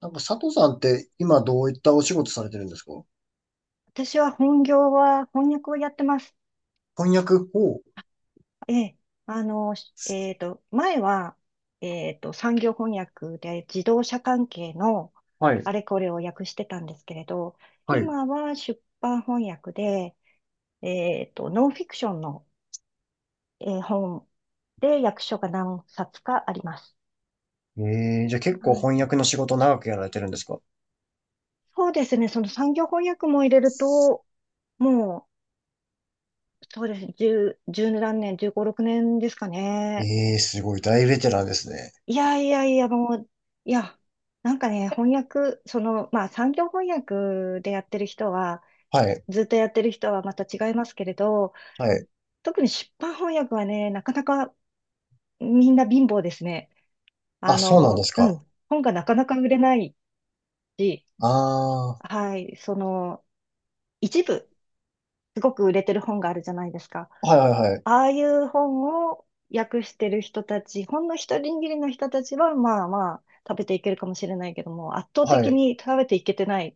なんか佐藤さんって今どういったお仕事されてるんですか？私は本業は翻訳をやってます。翻訳を。ええ、あの、しえっと、前は、産業翻訳で自動車関係のはい。あれこれを訳してたんですけれど、はい。今は出版翻訳で、ノンフィクションの、本で訳書が何冊かあります。えー、じゃあ結は構い。翻訳の仕事長くやられてるんですか？そうですね、その産業翻訳も入れると、もう、そうですね、1何年、十五六年ですかね。えー、すごい。大ベテランですね。いやいやいや、もう、いや、なんかね、翻訳、その、まあ、産業翻訳でやってる人は、はい。ずっとやってる人はまた違いますけれど、はい。特に出版翻訳はね、なかなかみんな貧乏ですね。あ、そうなんですうか。ん、本がなかなか売れないし、あー、はい、その、一部、すごく売れてる本があるじゃないですか。はいはいはい。ああいう本を訳してる人たち、ほんの一握りの人たちは、まあまあ、食べていけるかもしれないけども、圧倒は的い。に食べていけてない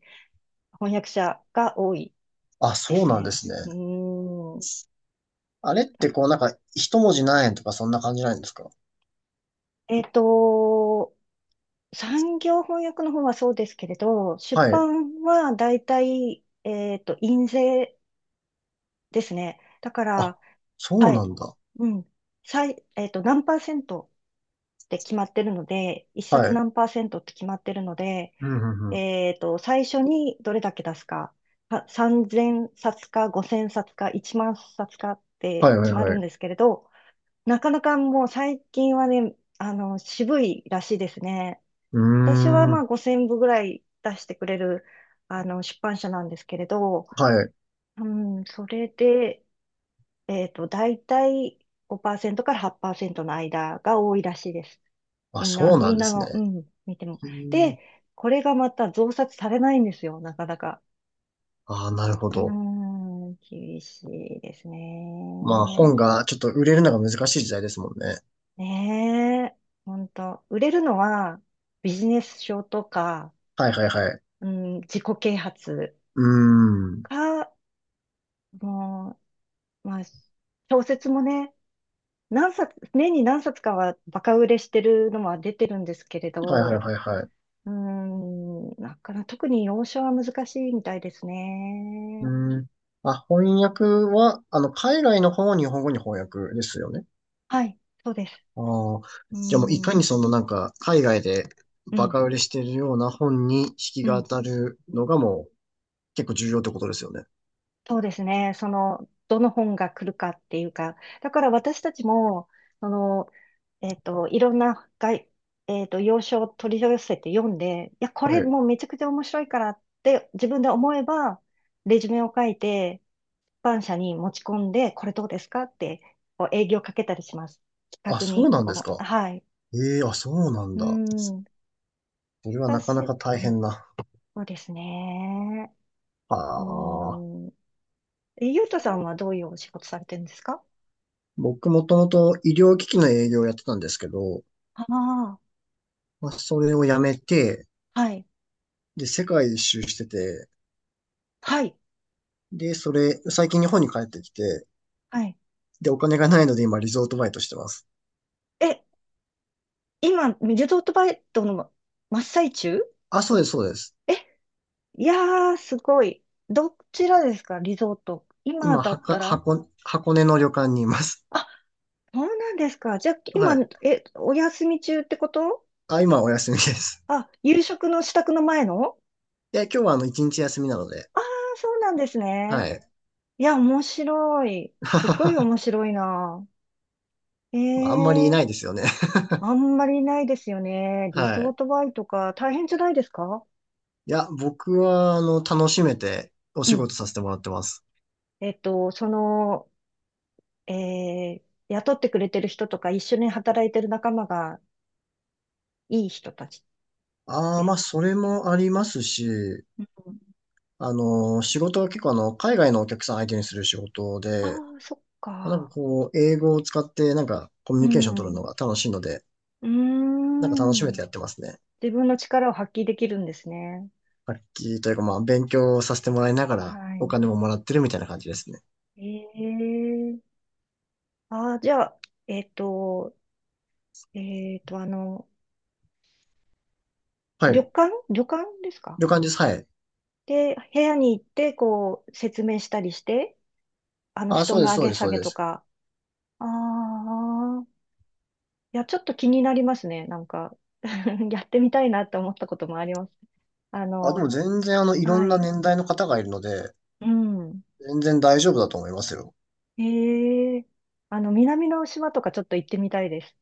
翻訳者が多いあ、でそうすなんね。ですね。うーん。はあれってこい。うなんか一文字何円とかそんな感じないんですか？えっと、産業翻訳の方はそうですけれど、出はい。版は大体、印税ですね。だかあ、ら、そうはない。んだ。うん。最、えっと、何パーセントって決まってるので、一は冊い。何パーセントって決まってるので、うんうんうん。最初にどれだけ出すか、は3000冊か5000冊か1万冊かっはていはい決まるはんい。ですけれど、なかなかもう最近はね、渋いらしいですね。うー私はまあん。5000部ぐらい出してくれる、出版社なんですけれど、はい。うん、それで、だいたい5%から8%の間が多いらしいです。あ、そうなみんんでなすね。の、うん、見ても。うーん。で、これがまた増刷されないんですよ、なかなか。あー、なるほうーど。ん、厳しいですまあ本ね。がちょっと売れるのが難しい時代ですもんね。ねえ、ほんと。売れるのはビジネス書とか、はいはいはい。うん、自己啓発うーん。か、もう、まあ、小説もね、年に何冊かはバカ売れしてるのは出てるんですけれはいはいど、はいはい。うん、なかなか特に洋書は難しいみたいですうね。ーん。あ、翻訳は、あの、海外の本を日本語に翻訳ですよね。はい、そうです。ああ。うじゃあもういかん、にうそのなんか、海外でバん、カ売れしてるような本に引きうがん。当たるのがもう結構重要ってことですよね。そうですね。その、どの本が来るかっていうか、だから私たちも、その、えっと、いろんな外、えっと、洋書を取り寄せて読んで、いや、こはれい。もうめちゃくちゃ面白いからって自分で思えば、レジュメを書いて、出版社に持ち込んで、これどうですかって、こう営業かけたりします。企あ、画そうに、なんですこう、か。はい。ええあ、そうなんうだ。ん。それはなか私、なか大うん。変な。そうですね。あうあ。ん。えゆうとさんはどういうお仕事されてるんですか？僕もともと医療機器の営業をやってたんですけど、ああー。まあ、それをやめて、はい。で、世界一周してて、はい。で、それ、最近日本に帰ってきて、はい。で、お金がないので今リゾートバイトしてます。え、今、リゾートバイトの真っ最中？あ、そうです、そうです。え、いやー、すごい。どちらですかリゾート。今今、だはっか、たら？箱、箱根の旅館にいます。あ、そうなんですか。じゃあ、は今、い。え、お休み中ってこと？あ、今はお休みです。あ、夕食の支度の前の？で、今日はあの、一日休みなので、ああー、そうなんですね。はい。いや、面白い。すごい面 白いな。えまああんまりいえなー、いですよね。あんまりないですよね。リはゾーい。トバイトか。大変じゃないですか？いや、僕は、あの、楽しめておう仕ん。事させてもらってます。その、えー雇ってくれてる人とか、一緒に働いてる仲間がいい人たちああ、でます。あ、それもありますし、うん。あの、仕事は結構あの、海外のお客さん相手にする仕事あで、あ、そっまあなんかか。こう、英語を使ってなんかコミュうニケーション取ん。るうのが楽しいので、ーなんか楽しめん。てやってますね。自分の力を発揮できるんですね。楽器というかまあ、勉強させてもらいながはらおい。金ももらってるみたいな感じですね。ええ。ああ、じゃあ、えっと、えっと、あの、は旅い。館旅館ですか？いう感じです。はい。で、部屋に行って、こう、説明したりして、あ、布そう団でのす、上そうげです、下そうげでとす。か、ああ。いや、ちょっと気になりますね。なんか やってみたいなって思ったこともあります。ああ、でもの、全然あの、いろはんない。年代の方がいるので、うん。全然大丈夫だと思いますよ。ええ。南の島とかちょっと行ってみたいです。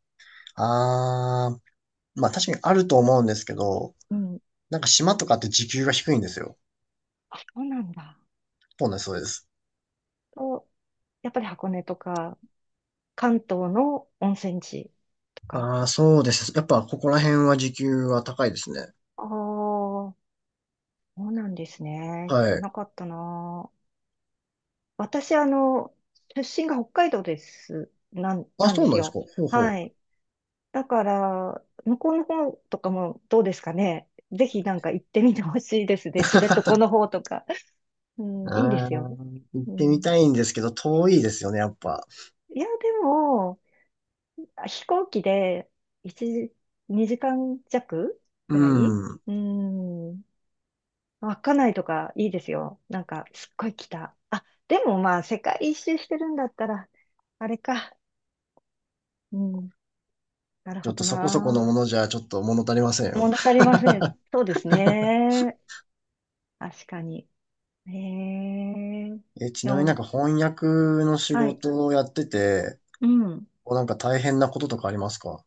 あー、まあ確かにあると思うんですけど、うん。なんか島とかって時給が低いんですよ。あ、そうなんだ。そうなんです、そうです。と、やっぱり箱根とか、関東の温泉地とか。ああ、そうですね。やっぱここら辺は時給は高いですね。ああ、そうなんですね。知はらい。なかったな。私、あの、出身が北海道です。あ、なんそでうすなんですか。よ。ほうほう。はい。だから、向こうの方とかもどうですかね。ぜひなんか行ってみてほしいですね。知床の方とか。うあん、あ、いいですよ。行っうてみん、たいんですけど、遠いですよね、やっぱ。いや、でも、飛行機で1時、2時間弱うくらい。ん。うん。稚内とかいいですよ。なんか、すっごい北。あ、でもまあ、世界一周してるんだったら、あれか。うん。なるちょほっとどそこそこのな。ものじゃ、ちょっと物足りませんよ。物足りません。そうですね。確かに。へえ。え、ちでなみになんも、か翻訳の仕はい。事をやってて、うん。こうなんか大変なこととかありますか？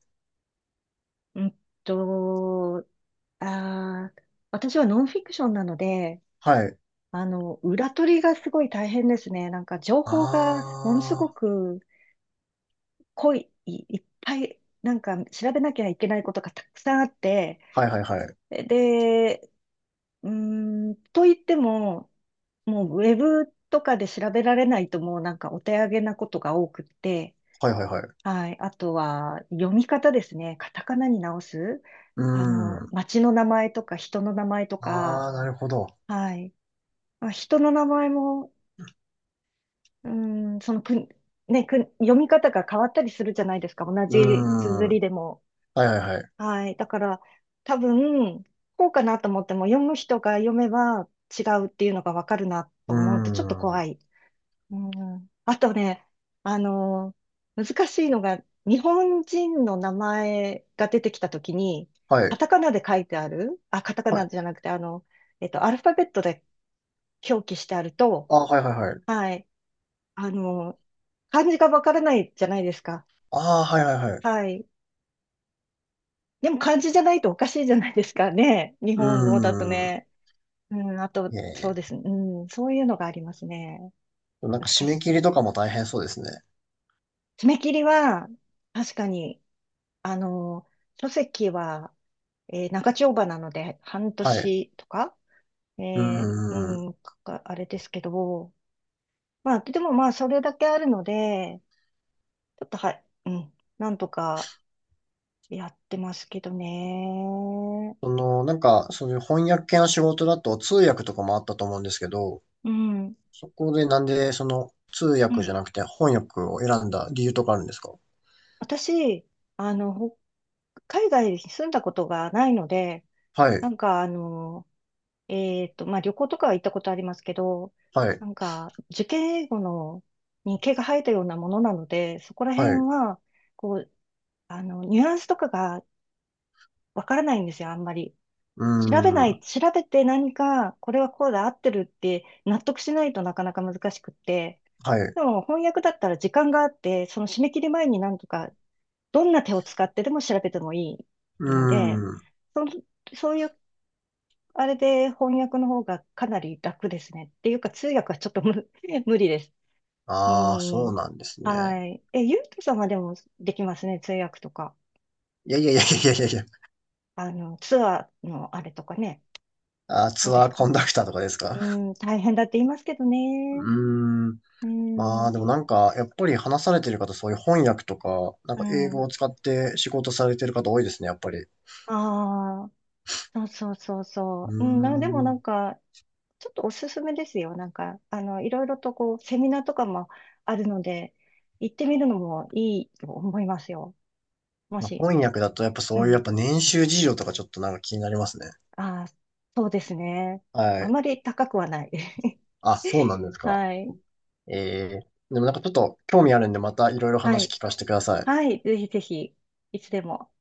うんと、あー、私はノンフィクションなので、はい。裏取りがすごい大変ですね。なんか情あ報がものすごく濃い、いいっぱい、なんか調べなきゃいけないことがたくさんあって、あ、はいはいはい。で、うーん、と言っても、もうウェブとかで調べられないともうなんかお手上げなことが多くって、はいはいはい。はい。あとは、読み方ですね。カタカナに直す。うん。街の名前とか人の名前とか、ああ、なるほど。はい。まあ、人の名前も、うーん、そのく、ね、く、読み方が変わったりするじゃないですか。同うじ綴ん。はりでも。いはいはい。はい。だから、多分、こうかなと思っても、読む人が読めば違うっていうのがわかるなうと思うと、ちょっと怖ん。い。うん、あとね、あのー難しいのが、日本人の名前が出てきたときに、はカい。タカナで書いてある、あ、カタカはナい。じゃなくて、アルファベットで表記してあると、あ、はいはいはい。はい、あのー漢字がわからないじゃないですか。ああ、はいはいはい。はい。でも漢字じゃないとおかしいじゃないですかね。日う本語だとーん。ね。うん、あと、えそうえ。ですね。うん、そういうのがありますね。なんか締難しめ切りい。とかも大変そうですね。爪切りは、確かに、あの、書籍は、長丁場なので、半はい。年とか、えうーん。あれですけど、まあ、でもまあ、それだけあるので、ちょっとは、うん、なんとかやってますけどね。その、なんか、そういう翻訳系の仕事だと通訳とかもあったと思うんですけど、うん、そこでなんでその通う訳ん。じゃなくて翻訳を選んだ理由とかあるんですか？私、あの、ほ海外に住んだことがないので、はない。んか、まあ、旅行とかは行ったことありますけど、はい。なんか、受験英語のに毛が生えたようなものなので、そこらは辺い。うは、こう、ニュアンスとかがわからないんですよ、あんまり。ーん。調べて何か、これはこうだ、合ってるって納得しないとなかなか難しくって。はい。でも、翻訳だったら時間があって、その締め切り前になんとか、どんな手を使ってでも調べてもいういので、ーん。その、そういうあれで翻訳の方がかなり楽ですね。っていうか、通訳はちょっと無理です。うああ、そうん。なんですね。はい。え、ゆうとさんはでもできますね、通訳とか。いやいやいやいやいやいや。ツアーのあれとかね。あーどうツでアすーコか？ンダクターとかですうか？ん、大変だって言いますけどうね。ーん。うまあん、でもなんか、やっぱり話されてる方、そういう翻訳とか、なんうか英語ん。を使って仕事されてる方多いですね、やっぱり。うああ、そうそうそうーそう。でもなん。んか、ちょっとおすすめですよ。なんか、いろいろとこう、セミナーとかもあるので、行ってみるのもいいと思いますよ。もまあし。翻訳だとやっぱそうういうやっん。ぱ年収事情とかちょっとなんか気になりますね。ああ、そうですね。はあい。まり高くはない。あ、そうなん ですか。はい。ええ。でもなんかちょっと興味あるんでまたいろいろは話い。聞かせてください。はい。ぜひぜひ、いつでも。